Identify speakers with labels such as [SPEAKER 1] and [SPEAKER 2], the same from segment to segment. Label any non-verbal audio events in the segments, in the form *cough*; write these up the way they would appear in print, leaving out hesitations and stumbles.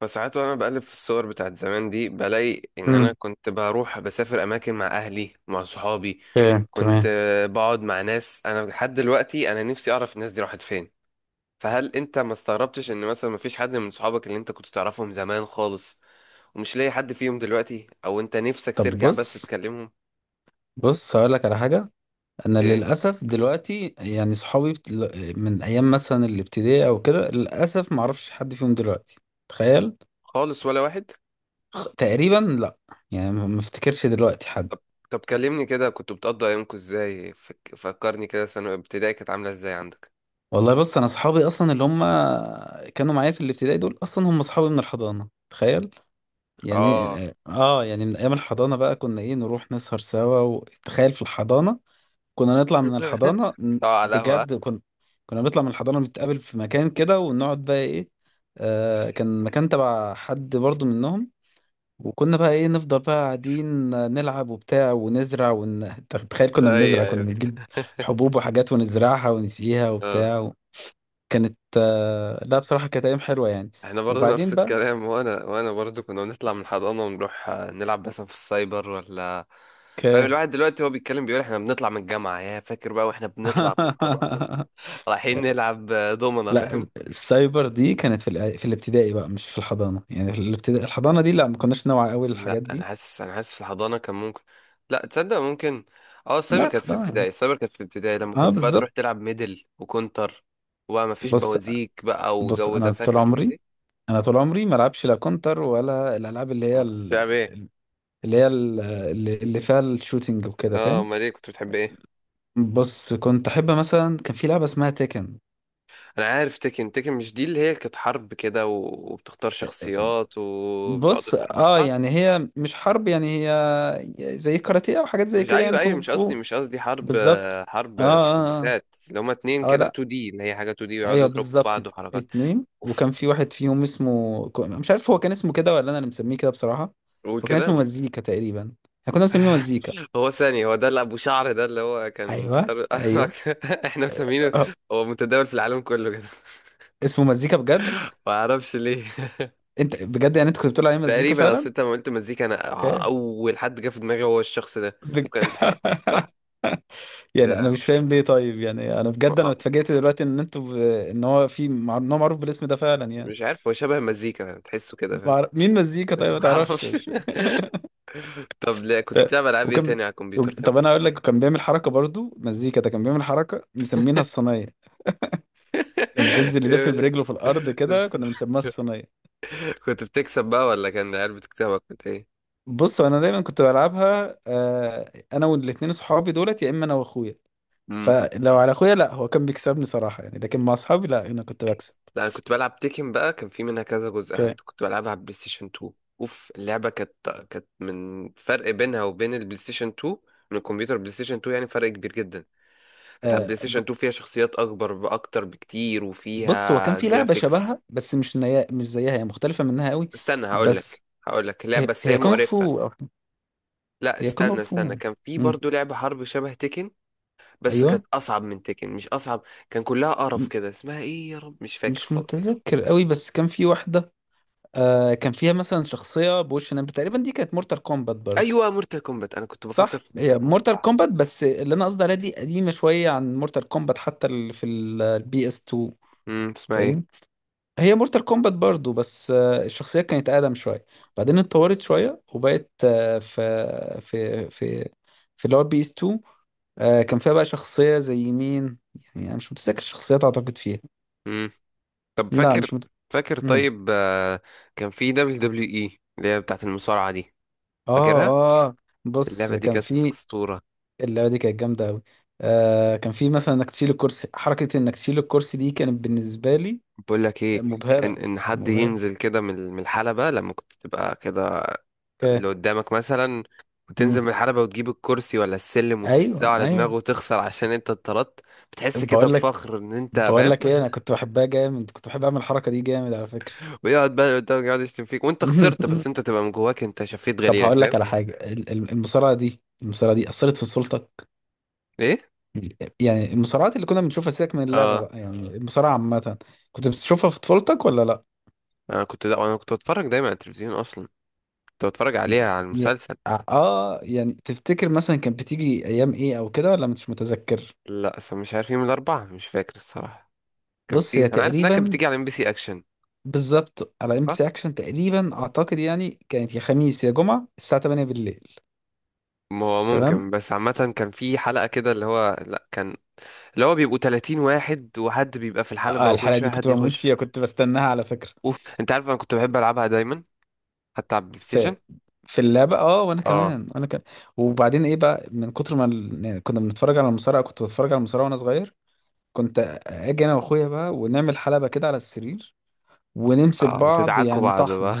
[SPEAKER 1] فساعات وانا بقلب في الصور بتاعت زمان دي بلاقي ان انا
[SPEAKER 2] امم
[SPEAKER 1] كنت بروح بسافر اماكن مع اهلي مع صحابي.
[SPEAKER 2] اوكي
[SPEAKER 1] كنت
[SPEAKER 2] تمام.
[SPEAKER 1] بقعد مع ناس انا لحد دلوقتي، انا نفسي اعرف الناس دي راحت فين. فهل انت ما استغربتش ان مثلا ما فيش حد من صحابك اللي انت كنت تعرفهم زمان خالص ومش لاقي حد فيهم دلوقتي، او انت نفسك
[SPEAKER 2] طب
[SPEAKER 1] ترجع بس
[SPEAKER 2] بص.
[SPEAKER 1] تكلمهم؟
[SPEAKER 2] هقول لك على حاجة. أنا
[SPEAKER 1] إيه؟
[SPEAKER 2] للأسف دلوقتي يعني صحابي من أيام مثلا الابتدائي أو كده للأسف معرفش حد فيهم دلوقتي. تخيل.
[SPEAKER 1] خالص ولا واحد؟
[SPEAKER 2] تقريبا لأ. يعني ما افتكرش دلوقتي حد.
[SPEAKER 1] طب طب كلمني كده، كنتوا بتقضوا ايامكم ازاي؟ فكرني كده، سنة ابتدائي كانت عاملة ازاي عندك؟
[SPEAKER 2] والله بص، أنا صحابي أصلا اللي هم كانوا معايا في الابتدائي دول أصلا هم صحابي من الحضانة، تخيل. يعني
[SPEAKER 1] اه.
[SPEAKER 2] يعني من أيام الحضانة بقى كنا إيه، نروح نسهر سوا، وتخيل في الحضانة كنا نطلع من
[SPEAKER 1] *laughs*
[SPEAKER 2] الحضانة
[SPEAKER 1] اه، على القهوة.
[SPEAKER 2] بجد. كنا، كنا بنطلع من الحضانة نتقابل في مكان كده، ونقعد بقى ايه. آه كان مكان تبع حد برضو منهم. وكنا بقى ايه نفضل بقى قاعدين نلعب وبتاع ونزرع تخيل كنا
[SPEAKER 1] اي.
[SPEAKER 2] بنزرع، كنا
[SPEAKER 1] اي.
[SPEAKER 2] بنجيب حبوب وحاجات ونزرعها ونسقيها
[SPEAKER 1] اه.
[SPEAKER 2] وبتاع. كانت آه لا بصراحة كانت أيام حلوة يعني.
[SPEAKER 1] احنا برضه *laughs*
[SPEAKER 2] وبعدين
[SPEAKER 1] نفس
[SPEAKER 2] بقى
[SPEAKER 1] الكلام، وانا برضه كنا بنطلع من الحضانه ونروح نلعب مثلا في السايبر ولا.
[SPEAKER 2] ك
[SPEAKER 1] فاهم الواحد دلوقتي هو بيتكلم بيقول احنا بنطلع من الجامعه، يا فاكر بقى واحنا بنطلع من الحضانه
[SPEAKER 2] *laughs*
[SPEAKER 1] *laughs* رايحين نلعب دومنه،
[SPEAKER 2] لا،
[SPEAKER 1] فاهم.
[SPEAKER 2] السايبر دي كانت في في الابتدائي بقى، مش في الحضانه. يعني في الابتدائي، الحضانه دي لا ما كناش نوعي قوي
[SPEAKER 1] لا
[SPEAKER 2] للحاجات
[SPEAKER 1] انا
[SPEAKER 2] دي.
[SPEAKER 1] حاسس انا حاسس في الحضانه كان ممكن. لا تصدق ممكن. اه، السايبر
[SPEAKER 2] لا
[SPEAKER 1] كانت في
[SPEAKER 2] الحضانه يعني.
[SPEAKER 1] ابتدائي، السايبر كانت في ابتدائي لما
[SPEAKER 2] اه
[SPEAKER 1] كنت بقى تروح
[SPEAKER 2] بالظبط.
[SPEAKER 1] تلعب ميدل وكونتر، وما فيش
[SPEAKER 2] بص.
[SPEAKER 1] بوازيك بقى وجو
[SPEAKER 2] انا
[SPEAKER 1] ده،
[SPEAKER 2] طول
[SPEAKER 1] فاكر الحاجات
[SPEAKER 2] عمري،
[SPEAKER 1] دي؟
[SPEAKER 2] انا طول عمري ما العبش لا كونتر ولا الالعاب اللي هي
[SPEAKER 1] أما كنت
[SPEAKER 2] ال-
[SPEAKER 1] بتلعب ايه؟
[SPEAKER 2] اللي هي ال- اللي اللي فيها الشوتينج وكده،
[SPEAKER 1] اه،
[SPEAKER 2] فاهم.
[SPEAKER 1] امال ايه كنت بتحب ايه؟
[SPEAKER 2] بص كنت احب مثلا كان في لعبه اسمها تيكن.
[SPEAKER 1] انا عارف تيكن. تيكن مش دي اللي هي كانت حرب كده و- وبتختار شخصيات وبتقعدوا
[SPEAKER 2] بص
[SPEAKER 1] تحاربوا في
[SPEAKER 2] اه
[SPEAKER 1] بعض؟
[SPEAKER 2] يعني هي مش حرب، يعني هي زي كاراتيه او حاجات زي
[SPEAKER 1] مش،
[SPEAKER 2] كده،
[SPEAKER 1] ايوه
[SPEAKER 2] يعني
[SPEAKER 1] ايوه،
[SPEAKER 2] كونغ
[SPEAKER 1] مش قصدي
[SPEAKER 2] فو.
[SPEAKER 1] مش قصدي حرب.
[SPEAKER 2] بالظبط.
[SPEAKER 1] حرب
[SPEAKER 2] اه اه اه,
[SPEAKER 1] مسدسات اللي هما اتنين كده،
[SPEAKER 2] لا
[SPEAKER 1] 2 دي اللي هي حاجه 2 دي ويقعدوا
[SPEAKER 2] ايوه
[SPEAKER 1] يضربوا في
[SPEAKER 2] بالظبط.
[SPEAKER 1] بعض وحركات.
[SPEAKER 2] اتنين.
[SPEAKER 1] اوف،
[SPEAKER 2] وكان في واحد فيهم اسمه مش عارف هو كان اسمه كده ولا انا اللي مسميه كده بصراحه.
[SPEAKER 1] قول
[SPEAKER 2] هو كان اسمه
[SPEAKER 1] كده.
[SPEAKER 2] مزيكا تقريبا. احنا كنا مسمينه مزيكا.
[SPEAKER 1] هو ثاني، هو ده اللي ابو شعر، ده اللي هو كان
[SPEAKER 2] ايوه
[SPEAKER 1] شعر *laughs*
[SPEAKER 2] ايوه
[SPEAKER 1] احنا مسمينه.
[SPEAKER 2] اه.
[SPEAKER 1] هو متداول في العالم كله كده *laughs*
[SPEAKER 2] اسمه مزيكا بجد.
[SPEAKER 1] ما اعرفش ليه *laughs*
[SPEAKER 2] انت بجد يعني انت كنت بتقول عليه مزيكا
[SPEAKER 1] تقريبا، اصل
[SPEAKER 2] فعلا؟
[SPEAKER 1] انت لما قلت مزيكا انا
[SPEAKER 2] اوكي.
[SPEAKER 1] اول حد جه في دماغي هو الشخص ده.
[SPEAKER 2] بج...
[SPEAKER 1] وكان اه، صح.
[SPEAKER 2] *laughs*
[SPEAKER 1] يا
[SPEAKER 2] يعني انا
[SPEAKER 1] لهوي.
[SPEAKER 2] مش فاهم ليه طيب. يعني انا بجد انا اتفاجئت دلوقتي ان انتوا ب... ان هو في مع... ان هو معروف بالاسم ده فعلا يعني.
[SPEAKER 1] مش عارف، هو شبه مزيكا، تحسه كده، فاهم؟
[SPEAKER 2] مين مزيكا؟ طيب
[SPEAKER 1] *laughs*
[SPEAKER 2] ما تعرفش.
[SPEAKER 1] معرفش. طب، لا كنت
[SPEAKER 2] ت-
[SPEAKER 1] بتلعب العاب ايه
[SPEAKER 2] وكان
[SPEAKER 1] تاني على الكمبيوتر كمان؟
[SPEAKER 2] طب انا اقول لك كان بيعمل حركه برضو، مزيكا ده كان بيعمل حركه مسمينها الصينيه. كان
[SPEAKER 1] *laughs*
[SPEAKER 2] بينزل يلف
[SPEAKER 1] إيه،
[SPEAKER 2] برجله في الارض كده، كنا بنسميها الصينيه.
[SPEAKER 1] كنت بتكسب بقى ولا كان العيال بتكسبك؟ كنت ايه؟
[SPEAKER 2] بصوا، انا دايما كنت بلعبها انا والاثنين صحابي دولت يا اما انا واخويا.
[SPEAKER 1] امم.
[SPEAKER 2] فلو على اخويا لا هو كان بيكسبني صراحه يعني، لكن مع اصحابي لا انا كنت بكسب.
[SPEAKER 1] لا انا كنت بلعب تيكن بقى، كان في منها كذا جزء،
[SPEAKER 2] كان
[SPEAKER 1] حتى كنت بلعبها على البلاي ستيشن 2. اوف، اللعبه كانت، كانت من فرق بينها وبين البلاي ستيشن 2. من الكمبيوتر بلاي ستيشن 2، يعني فرق كبير جدا. كانت على
[SPEAKER 2] آه،
[SPEAKER 1] البلاي ستيشن
[SPEAKER 2] ب-
[SPEAKER 1] 2 فيها شخصيات اكبر، باكتر بكتير،
[SPEAKER 2] بص هو كان
[SPEAKER 1] وفيها
[SPEAKER 2] في لعبه
[SPEAKER 1] جرافيكس.
[SPEAKER 2] شبهها بس مش نيا مش زيها، هي مختلفه منها قوي.
[SPEAKER 1] استنى هقول لك
[SPEAKER 2] بس.
[SPEAKER 1] هقول لك لا،
[SPEAKER 2] هي
[SPEAKER 1] بس
[SPEAKER 2] هي
[SPEAKER 1] هي
[SPEAKER 2] كونغ
[SPEAKER 1] مقرفه.
[SPEAKER 2] فو.
[SPEAKER 1] لا،
[SPEAKER 2] هي كونغ
[SPEAKER 1] استنى
[SPEAKER 2] فو.
[SPEAKER 1] استنى، كان في
[SPEAKER 2] مم.
[SPEAKER 1] برضو لعبة حرب شبه تيكن، بس
[SPEAKER 2] ايوه
[SPEAKER 1] كانت أصعب من تيكن، مش أصعب، كان كلها قرف كده، اسمها إيه يا رب، مش فاكر
[SPEAKER 2] مش
[SPEAKER 1] خالص.
[SPEAKER 2] متذكر قوي بس كان في واحدة. آه كان فيها مثلا شخصية بوش نمر تقريبا، دي كانت مورتال كومبات برضو.
[SPEAKER 1] أيوة، مورتال كومبات، أنا كنت بفكر
[SPEAKER 2] صح
[SPEAKER 1] في
[SPEAKER 2] هي
[SPEAKER 1] مورتال كومبات،
[SPEAKER 2] مورتال
[SPEAKER 1] صح.
[SPEAKER 2] كومبات، بس اللي انا قصدي عليها دي قديمة شوية عن مورتال كومبات، حتى في البي اس 2،
[SPEAKER 1] امم، اسمها
[SPEAKER 2] فاهمني.
[SPEAKER 1] ايه؟
[SPEAKER 2] هي مورتال كومبات برضو بس آه الشخصية كانت اقدم شوية، بعدين اتطورت شوية وبقت آه في اللي هو بي اس 2. آه كان فيها بقى شخصية زي مين، يعني انا مش متذكر الشخصيات، اعتقد فيها.
[SPEAKER 1] امم، طب
[SPEAKER 2] لا
[SPEAKER 1] فاكر
[SPEAKER 2] مش مت...
[SPEAKER 1] فاكر
[SPEAKER 2] مم.
[SPEAKER 1] طيب كان في دبليو دبليو اي اللي هي بتاعت المصارعة دي،
[SPEAKER 2] اه
[SPEAKER 1] فاكرها؟
[SPEAKER 2] اه بص
[SPEAKER 1] اللعبة دي
[SPEAKER 2] كان
[SPEAKER 1] كانت
[SPEAKER 2] في،
[SPEAKER 1] أسطورة.
[SPEAKER 2] اللعبه دي كانت جامده قوي. آه كان في مثلا انك تشيل الكرسي، حركه انك تشيل الكرسي دي كانت بالنسبه لي
[SPEAKER 1] بقول لك ايه، ان
[SPEAKER 2] مبهره.
[SPEAKER 1] ان حد
[SPEAKER 2] مبهره.
[SPEAKER 1] ينزل كده من الحلبة، لما كنت تبقى كده اللي
[SPEAKER 2] اوكي
[SPEAKER 1] قدامك مثلا، وتنزل من
[SPEAKER 2] امم
[SPEAKER 1] الحلبة وتجيب الكرسي ولا السلم
[SPEAKER 2] ايوه
[SPEAKER 1] وترزعه على دماغه
[SPEAKER 2] ايوه.
[SPEAKER 1] وتخسر عشان انت اتطردت. بتحس كده
[SPEAKER 2] بقول لك،
[SPEAKER 1] بفخر ان انت،
[SPEAKER 2] ايه
[SPEAKER 1] فاهم؟
[SPEAKER 2] انا كنت بحبها جامد، كنت بحب اعمل الحركه دي جامد على فكره.
[SPEAKER 1] *laughs* ويقعد بقى اللي قدامك يقعد يشتم فيك وانت خسرت بس
[SPEAKER 2] *laughs*
[SPEAKER 1] انت تبقى من جواك انت شفيت
[SPEAKER 2] طب
[SPEAKER 1] غليلك،
[SPEAKER 2] هقول لك
[SPEAKER 1] فاهم؟
[SPEAKER 2] على حاجه، المصارعه دي، المصارعه دي اثرت في سلطك؟
[SPEAKER 1] ايه.
[SPEAKER 2] يعني المصارعات اللي كنا بنشوفها، سيبك من اللعبه
[SPEAKER 1] اه،
[SPEAKER 2] بقى، يعني المصارعه عامه كنت بتشوفها في طفولتك ولا لا؟
[SPEAKER 1] انا كنت، لا، انا كنت بتفرج دايما على التلفزيون اصلا، كنت بتفرج عليها على
[SPEAKER 2] ي-
[SPEAKER 1] المسلسل.
[SPEAKER 2] يعني تفتكر مثلا كانت بتيجي ايام ايه او كده ولا مش متذكر؟
[SPEAKER 1] لا، اصلا مش عارف، يوم الاربعاء مش فاكر الصراحة. كانت
[SPEAKER 2] بص
[SPEAKER 1] بتيجي،
[SPEAKER 2] هي
[SPEAKER 1] انا عارف انها كانت
[SPEAKER 2] تقريبا
[SPEAKER 1] بتيجي على ام بي سي اكشن.
[SPEAKER 2] بالظبط على ام بي
[SPEAKER 1] اه،
[SPEAKER 2] سي اكشن تقريبا، اعتقد يعني كانت يا خميس يا جمعه الساعه 8 بالليل.
[SPEAKER 1] ما هو
[SPEAKER 2] تمام
[SPEAKER 1] ممكن، بس عامة كان في حلقة كده اللي هو، لا كان اللي هو بيبقوا 30 واحد، وحد بيبقى في الحلبة
[SPEAKER 2] اه
[SPEAKER 1] وكل
[SPEAKER 2] الحلقه
[SPEAKER 1] شوية
[SPEAKER 2] دي كنت
[SPEAKER 1] حد
[SPEAKER 2] بموت
[SPEAKER 1] يخش.
[SPEAKER 2] فيها، كنت بستناها على فكره.
[SPEAKER 1] اوف، انت عارف انا كنت بحب العبها دايما، حتى على البلاي
[SPEAKER 2] في،
[SPEAKER 1] ستيشن.
[SPEAKER 2] اللعبه اه وانا
[SPEAKER 1] اه
[SPEAKER 2] كمان وانا كمان. وبعدين ايه بقى من كتر ما يعني كنا بنتفرج على المصارعه، كنت بتفرج على المصارعه وانا صغير. كنت اجي انا واخويا بقى ونعمل حلبه كده على السرير ونمسك
[SPEAKER 1] اه،
[SPEAKER 2] بعض
[SPEAKER 1] بتدعكوا
[SPEAKER 2] يعني
[SPEAKER 1] بعض بقى.
[SPEAKER 2] طحن.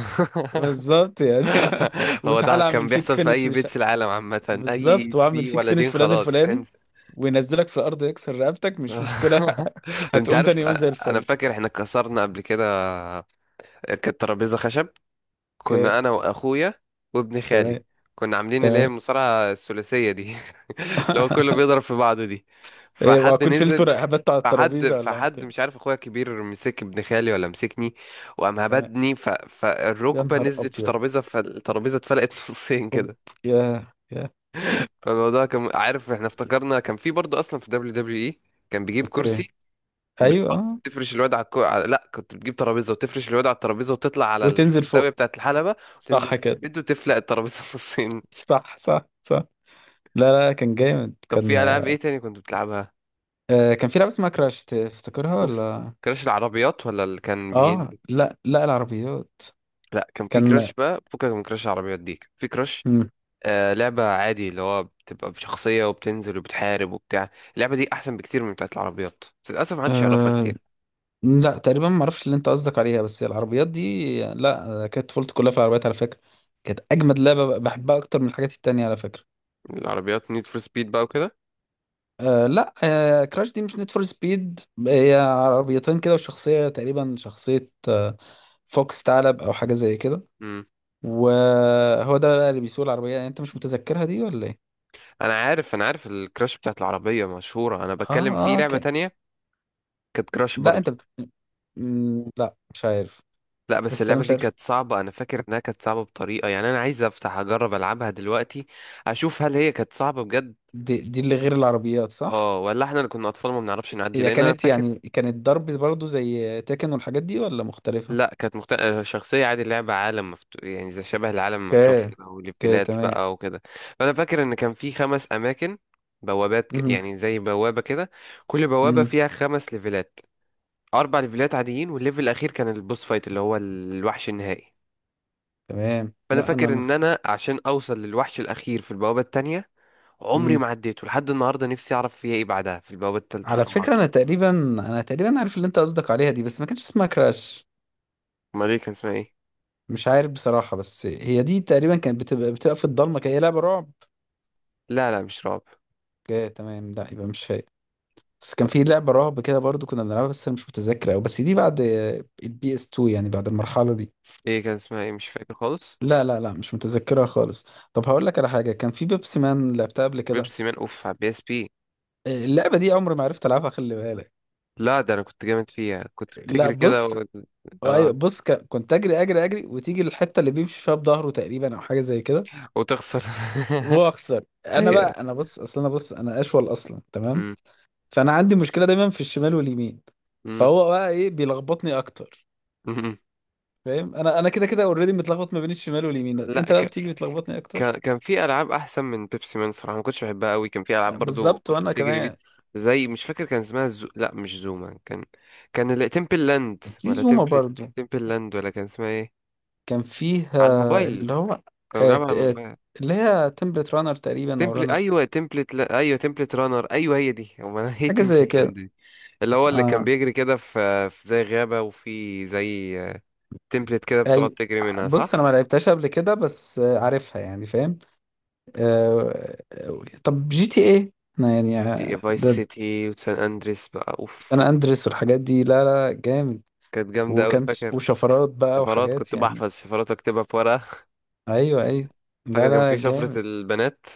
[SPEAKER 2] بالظبط يعني. *laughs*
[SPEAKER 1] *laughs* هو ده
[SPEAKER 2] وتعالى
[SPEAKER 1] كان
[SPEAKER 2] اعمل فيك
[SPEAKER 1] بيحصل في
[SPEAKER 2] فينش
[SPEAKER 1] اي
[SPEAKER 2] مش،
[SPEAKER 1] بيت في العالم عامة،
[SPEAKER 2] بالظبط
[SPEAKER 1] اي
[SPEAKER 2] واعمل
[SPEAKER 1] في
[SPEAKER 2] فيك فينش
[SPEAKER 1] ولدين
[SPEAKER 2] فلان
[SPEAKER 1] خلاص
[SPEAKER 2] الفلاني
[SPEAKER 1] انسى.
[SPEAKER 2] وينزلك في الارض يكسر رقبتك مش مشكله.
[SPEAKER 1] *laughs*
[SPEAKER 2] *laughs*
[SPEAKER 1] انت
[SPEAKER 2] هتقوم تاني
[SPEAKER 1] عارف،
[SPEAKER 2] يوم زي
[SPEAKER 1] انا
[SPEAKER 2] الفل.
[SPEAKER 1] فاكر احنا كسرنا قبل كده. كانت ترابيزة خشب، كنا
[SPEAKER 2] اوكي
[SPEAKER 1] انا واخويا وابن
[SPEAKER 2] تمام.
[SPEAKER 1] خالي، كنا عاملين اللي هي
[SPEAKER 2] تمام.
[SPEAKER 1] المصارعة الثلاثية دي *laughs* اللي هو كله
[SPEAKER 2] *laughs*
[SPEAKER 1] بيضرب في بعضه دي.
[SPEAKER 2] ايه
[SPEAKER 1] فحد
[SPEAKER 2] واكون شلت
[SPEAKER 1] نزل،
[SPEAKER 2] رقبته على
[SPEAKER 1] فحد
[SPEAKER 2] الترابيزه ولا عملت
[SPEAKER 1] فحد مش
[SPEAKER 2] ايه؟
[SPEAKER 1] عارف اخويا الكبير مسك ابن خالي ولا مسكني، وقام
[SPEAKER 2] تمام.
[SPEAKER 1] هبدني
[SPEAKER 2] يا
[SPEAKER 1] فالركبة
[SPEAKER 2] نهار
[SPEAKER 1] نزلت في
[SPEAKER 2] ابيض.
[SPEAKER 1] ترابيزة، فالترابيزة اتفلقت *laughs* نصين
[SPEAKER 2] اوب.
[SPEAKER 1] كده.
[SPEAKER 2] يا يا.
[SPEAKER 1] فالموضوع كان، عارف احنا افتكرنا كان في برضه اصلا في دبليو دبليو اي كان بيجيب
[SPEAKER 2] اوكي
[SPEAKER 1] كرسي
[SPEAKER 2] ايوه
[SPEAKER 1] وبتحط
[SPEAKER 2] آه.
[SPEAKER 1] تفرش الواد لا، كنت بتجيب ترابيزه وتفرش الواد على الترابيزه وتطلع على
[SPEAKER 2] وتنزل
[SPEAKER 1] الزاويه
[SPEAKER 2] فوق.
[SPEAKER 1] بتاعت الحلبه وتنزل
[SPEAKER 2] صح كده.
[SPEAKER 1] تبد وتفلق الترابيزه *laughs* نصين.
[SPEAKER 2] صح صح صح. لا لا كان جامد
[SPEAKER 1] طب
[SPEAKER 2] كان.
[SPEAKER 1] في العاب ايه تاني كنت بتلعبها؟
[SPEAKER 2] آه كان في لعبه اسمها كراش، تفتكرها
[SPEAKER 1] اوف،
[SPEAKER 2] ولا؟
[SPEAKER 1] كراش العربيات ولا اللي كان
[SPEAKER 2] اه
[SPEAKER 1] بينزل؟
[SPEAKER 2] لا لا العربيات.
[SPEAKER 1] لا، كان في
[SPEAKER 2] كان.
[SPEAKER 1] كراش بقى، فكك من كراش العربيات دي، كان في كراش
[SPEAKER 2] مم.
[SPEAKER 1] لعبه عادي، اللي هو بتبقى بشخصيه وبتنزل وبتحارب وبتاع. اللعبه دي احسن بكتير من بتاعت العربيات، بس للاسف محدش يعرفها
[SPEAKER 2] آه
[SPEAKER 1] كتير.
[SPEAKER 2] لا تقريبا ما اعرفش اللي انت قصدك عليها، بس العربيات دي لا كانت طفولتي كلها في العربيات على فكره. كانت اجمد لعبه بحبها اكتر من الحاجات التانية على فكره.
[SPEAKER 1] العربيات نيد فور سبيد بقى وكده.
[SPEAKER 2] آه لا آه كراش دي مش نيد فور سبيد. هي عربيتين كده وشخصيه تقريبا، شخصيه آه فوكس، ثعلب او حاجه زي كده.
[SPEAKER 1] امم،
[SPEAKER 2] وهو ده بقى اللي بيسوق العربيه. يعني انت مش متذكرها دي ولا ايه؟
[SPEAKER 1] انا عارف الكراش بتاعت العربيه مشهوره، انا
[SPEAKER 2] اه
[SPEAKER 1] بتكلم في
[SPEAKER 2] اه
[SPEAKER 1] لعبه
[SPEAKER 2] كان.
[SPEAKER 1] تانية، كانت كراش
[SPEAKER 2] لا
[SPEAKER 1] برضو.
[SPEAKER 2] انت بت... مم، لا مش عارف.
[SPEAKER 1] لا بس
[SPEAKER 2] بس انا
[SPEAKER 1] اللعبة
[SPEAKER 2] مش
[SPEAKER 1] دي
[SPEAKER 2] عارف.
[SPEAKER 1] كانت صعبة، أنا فاكر إنها كانت صعبة بطريقة، يعني أنا عايز أفتح أجرب ألعبها دلوقتي، أشوف هل هي كانت صعبة بجد
[SPEAKER 2] دي، دي اللي غير العربيات صح؟
[SPEAKER 1] اه ولا احنا اللي كنا أطفال ما بنعرفش نعدي،
[SPEAKER 2] هي
[SPEAKER 1] لأن أنا
[SPEAKER 2] كانت
[SPEAKER 1] فاكر.
[SPEAKER 2] يعني كانت ضرب برضو زي تاكن والحاجات دي ولا مختلفة؟
[SPEAKER 1] لا كانت مخت... آه، شخصية عادي، اللعبة عالم مفتوح، يعني زي شبه العالم المفتوح
[SPEAKER 2] اوكي.
[SPEAKER 1] كده،
[SPEAKER 2] اوكي
[SPEAKER 1] وليفلات
[SPEAKER 2] تمام.
[SPEAKER 1] بقى وكده. فأنا فاكر إن كان في خمس أماكن، بوابات
[SPEAKER 2] مم.
[SPEAKER 1] يعني زي بوابة كده، كل بوابة
[SPEAKER 2] مم.
[SPEAKER 1] فيها خمس ليفلات، أربع ليفلات عاديين والليفل الأخير كان البوس فايت اللي هو الوحش النهائي.
[SPEAKER 2] تمام.
[SPEAKER 1] فانا
[SPEAKER 2] لا انا
[SPEAKER 1] فاكر ان
[SPEAKER 2] مف...
[SPEAKER 1] انا عشان اوصل للوحش الاخير في البوابه التانية، عمري
[SPEAKER 2] مم.
[SPEAKER 1] ما عديته لحد النهارده. نفسي اعرف فيها ايه، إيه بعدها في البوابه التالتة
[SPEAKER 2] على فكرة
[SPEAKER 1] والرابعه.
[SPEAKER 2] انا تقريبا، عارف اللي انت قصدك عليها دي، بس ما كانش اسمها كراش.
[SPEAKER 1] امال ايه كان اسمها ايه؟
[SPEAKER 2] مش عارف بصراحة، بس هي دي تقريبا كانت بتبقى في الضلمة كده، هي لعبة رعب.
[SPEAKER 1] لا لا، مش رعب.
[SPEAKER 2] اوكي تمام، لا يبقى مش هي. بس كان في لعبة رعب كده برضو كنا بنلعبها، بس انا مش متذكر أوي، بس دي بعد البي اس 2 يعني بعد المرحلة دي.
[SPEAKER 1] ايه كان اسمها، ايه؟ مش فاكر خالص.
[SPEAKER 2] لا لا لا مش متذكرها خالص. طب هقول لك على حاجة، كان في بيبسي مان لعبتها قبل كده؟
[SPEAKER 1] بيبسي مان، اوف، على بي اس بي.
[SPEAKER 2] آه، اللعبة دي عمري ما عرفت ألعبها، خلي بالك.
[SPEAKER 1] لا، ده انا كنت جامد فيها، كنت
[SPEAKER 2] لا
[SPEAKER 1] بتجري كده
[SPEAKER 2] بص.
[SPEAKER 1] و...
[SPEAKER 2] أيوة
[SPEAKER 1] اه،
[SPEAKER 2] بص كنت أجري أجري أجري، وتيجي الحتة اللي بيمشي فيها بظهره تقريبا أو حاجة زي كده.
[SPEAKER 1] وتخسر.
[SPEAKER 2] وأخسر
[SPEAKER 1] *laughs*
[SPEAKER 2] أنا
[SPEAKER 1] ايوه.
[SPEAKER 2] بقى. أنا بص أصل، أنا بص أنا أشول أصلا. تمام.
[SPEAKER 1] أمم.
[SPEAKER 2] فأنا عندي مشكلة دايما في الشمال واليمين،
[SPEAKER 1] أمم.
[SPEAKER 2] فهو بقى إيه بيلخبطني أكتر.
[SPEAKER 1] أمم.
[SPEAKER 2] فاهم؟ أنا كده كده أوريدي متلخبط ما بين الشمال واليمين،
[SPEAKER 1] لا،
[SPEAKER 2] أنت بقى بتيجي بتلخبطني
[SPEAKER 1] كان
[SPEAKER 2] أكتر.
[SPEAKER 1] كان في العاب احسن من بيبسي مان صراحه، ما كنتش بحبها قوي. كان في العاب برضو
[SPEAKER 2] بالظبط
[SPEAKER 1] كنت
[SPEAKER 2] وأنا
[SPEAKER 1] بتجري بيها،
[SPEAKER 2] كمان.
[SPEAKER 1] زي مش فاكر كان اسمها لا مش زوما، كان تمبل لاند
[SPEAKER 2] في
[SPEAKER 1] ولا
[SPEAKER 2] زومة
[SPEAKER 1] تمبل،
[SPEAKER 2] برضه.
[SPEAKER 1] تمبل لاند، ولا كان اسمها ايه؟
[SPEAKER 2] كان فيه
[SPEAKER 1] على الموبايل،
[SPEAKER 2] اللي هو
[SPEAKER 1] كنا
[SPEAKER 2] آه،
[SPEAKER 1] بنلعبها على
[SPEAKER 2] ت- آه،
[SPEAKER 1] الموبايل.
[SPEAKER 2] اللي هي تمبلت رانر تقريبا، او
[SPEAKER 1] تمبل،
[SPEAKER 2] رانر،
[SPEAKER 1] ايوه تمبلت، لا... ايوه تمبلت رانر، ايوه هي دي *laughs* هو انا هي
[SPEAKER 2] حاجه زي
[SPEAKER 1] تمبلت لاند
[SPEAKER 2] كده.
[SPEAKER 1] دي اللي هو اللي كان
[SPEAKER 2] اه
[SPEAKER 1] بيجري كده في زي غابه، وفي زي تمبلت كده بتقعد
[SPEAKER 2] أي.
[SPEAKER 1] تجري منها،
[SPEAKER 2] بص
[SPEAKER 1] صح.
[SPEAKER 2] انا ما لعبتهاش قبل كده بس عارفها، يعني فاهم. آه، طب جي تي ايه. انا يعني
[SPEAKER 1] جي تي اي فايس
[SPEAKER 2] ده،
[SPEAKER 1] سيتي وسان اندريس بقى، اوف،
[SPEAKER 2] سان
[SPEAKER 1] أوف.
[SPEAKER 2] اندريس والحاجات دي لا لا جامد.
[SPEAKER 1] كانت جامده قوي،
[SPEAKER 2] وكان،
[SPEAKER 1] فاكر.
[SPEAKER 2] وشفرات بقى
[SPEAKER 1] شفرات
[SPEAKER 2] وحاجات
[SPEAKER 1] كنت
[SPEAKER 2] يعني.
[SPEAKER 1] بحفظ شفرات اكتبها في ورقة
[SPEAKER 2] ايوه ايوه
[SPEAKER 1] *laughs*
[SPEAKER 2] لا
[SPEAKER 1] فاكر كان
[SPEAKER 2] لا
[SPEAKER 1] في شفرة
[SPEAKER 2] جامد.
[SPEAKER 1] البنات؟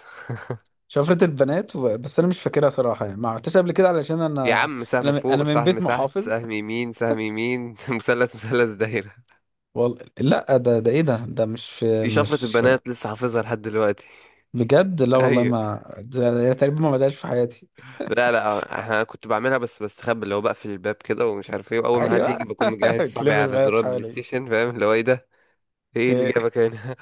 [SPEAKER 2] شفرة البنات و... بس انا مش فاكرها صراحه يعني، ما عملتهاش قبل كده علشان
[SPEAKER 1] يا
[SPEAKER 2] انا،
[SPEAKER 1] عم سهم فوق
[SPEAKER 2] انا من
[SPEAKER 1] سهم
[SPEAKER 2] بيت
[SPEAKER 1] تحت
[SPEAKER 2] محافظ.
[SPEAKER 1] سهم يمين سهم يمين *laughs* مثلث مثلث دايرة.
[SPEAKER 2] وال... لا ده ده ايه، ده مش في
[SPEAKER 1] دي شفرة
[SPEAKER 2] مش.
[SPEAKER 1] البنات لسه حافظها لحد دلوقتي *laughs*
[SPEAKER 2] بجد لا والله،
[SPEAKER 1] ايوه.
[SPEAKER 2] ما ده ده تقريبا ما بدأش في حياتي.
[SPEAKER 1] لا لا، انا كنت بعملها بس بستخبى، اللي هو بقفل الباب كده ومش عارف ايه، واول ما حد
[SPEAKER 2] ايوه.
[SPEAKER 1] يجي بكون مجهز
[SPEAKER 2] *laughs*
[SPEAKER 1] صابعي
[SPEAKER 2] تلم
[SPEAKER 1] على
[SPEAKER 2] البنات
[SPEAKER 1] زرار بلاي
[SPEAKER 2] حواليك.
[SPEAKER 1] ستيشن، فاهم اللي هو ايه ده؟ ايه اللي
[SPEAKER 2] اوكي.
[SPEAKER 1] جابك هنا؟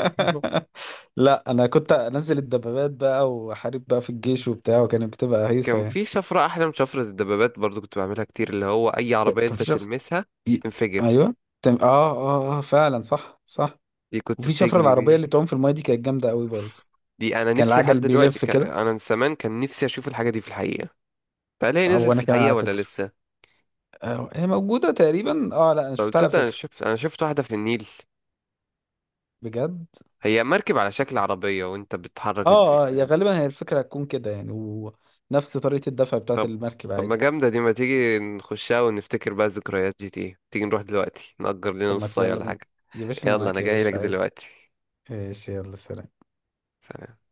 [SPEAKER 1] *laughs*
[SPEAKER 2] لا انا كنت انزل الدبابات بقى واحارب بقى في الجيش وبتاع، وكانت بتبقى هيصه
[SPEAKER 1] كان
[SPEAKER 2] يعني.
[SPEAKER 1] في شفرة احلى من شفرة الدبابات برضو كنت بعملها كتير، اللي هو اي عربية
[SPEAKER 2] كان
[SPEAKER 1] انت
[SPEAKER 2] في شفر
[SPEAKER 1] تلمسها
[SPEAKER 2] ي-
[SPEAKER 1] تنفجر.
[SPEAKER 2] ايوه. تم... اه اه اه فعلا صح صح.
[SPEAKER 1] دي كنت
[SPEAKER 2] وفي شفره العربيه
[SPEAKER 1] بتجري.
[SPEAKER 2] اللي تعوم في المايه دي كانت جامده قوي برضه.
[SPEAKER 1] دي انا
[SPEAKER 2] كان
[SPEAKER 1] نفسي لحد
[SPEAKER 2] العجل
[SPEAKER 1] دلوقتي
[SPEAKER 2] بيلف كده.
[SPEAKER 1] انا من زمان كان نفسي اشوف الحاجه دي في الحقيقه. فهل هي
[SPEAKER 2] او
[SPEAKER 1] نزلت في
[SPEAKER 2] انا كمان
[SPEAKER 1] الحقيقه
[SPEAKER 2] على
[SPEAKER 1] ولا
[SPEAKER 2] فكره.
[SPEAKER 1] لسه؟
[SPEAKER 2] آه، هي موجوده تقريبا، اه لا انا
[SPEAKER 1] طب
[SPEAKER 2] شفتها على
[SPEAKER 1] تصدق، انا
[SPEAKER 2] فكره.
[SPEAKER 1] شفت انا شفت واحده في النيل؟
[SPEAKER 2] بجد.
[SPEAKER 1] هي مركب على شكل عربيه، وانت بتحرك
[SPEAKER 2] اه اه، يا
[SPEAKER 1] الدركسيون.
[SPEAKER 2] غالبا هي الفكرة هتكون كده يعني، ونفس طريقة الدفع بتاعة
[SPEAKER 1] طب
[SPEAKER 2] المركب
[SPEAKER 1] طب ما
[SPEAKER 2] عادي.
[SPEAKER 1] جامده دي، ما تيجي نخشها ونفتكر بقى ذكريات جي تي، تيجي نروح دلوقتي نأجر لنا
[SPEAKER 2] طب ما
[SPEAKER 1] نص ساعه
[SPEAKER 2] يلا
[SPEAKER 1] ولا
[SPEAKER 2] بينا.
[SPEAKER 1] حاجه.
[SPEAKER 2] يا باشا انا
[SPEAKER 1] يلا انا
[SPEAKER 2] معاك يا
[SPEAKER 1] جاي لك
[SPEAKER 2] باشا عادي.
[SPEAKER 1] دلوقتي.
[SPEAKER 2] ايش يلا سلام.
[SPEAKER 1] سلام.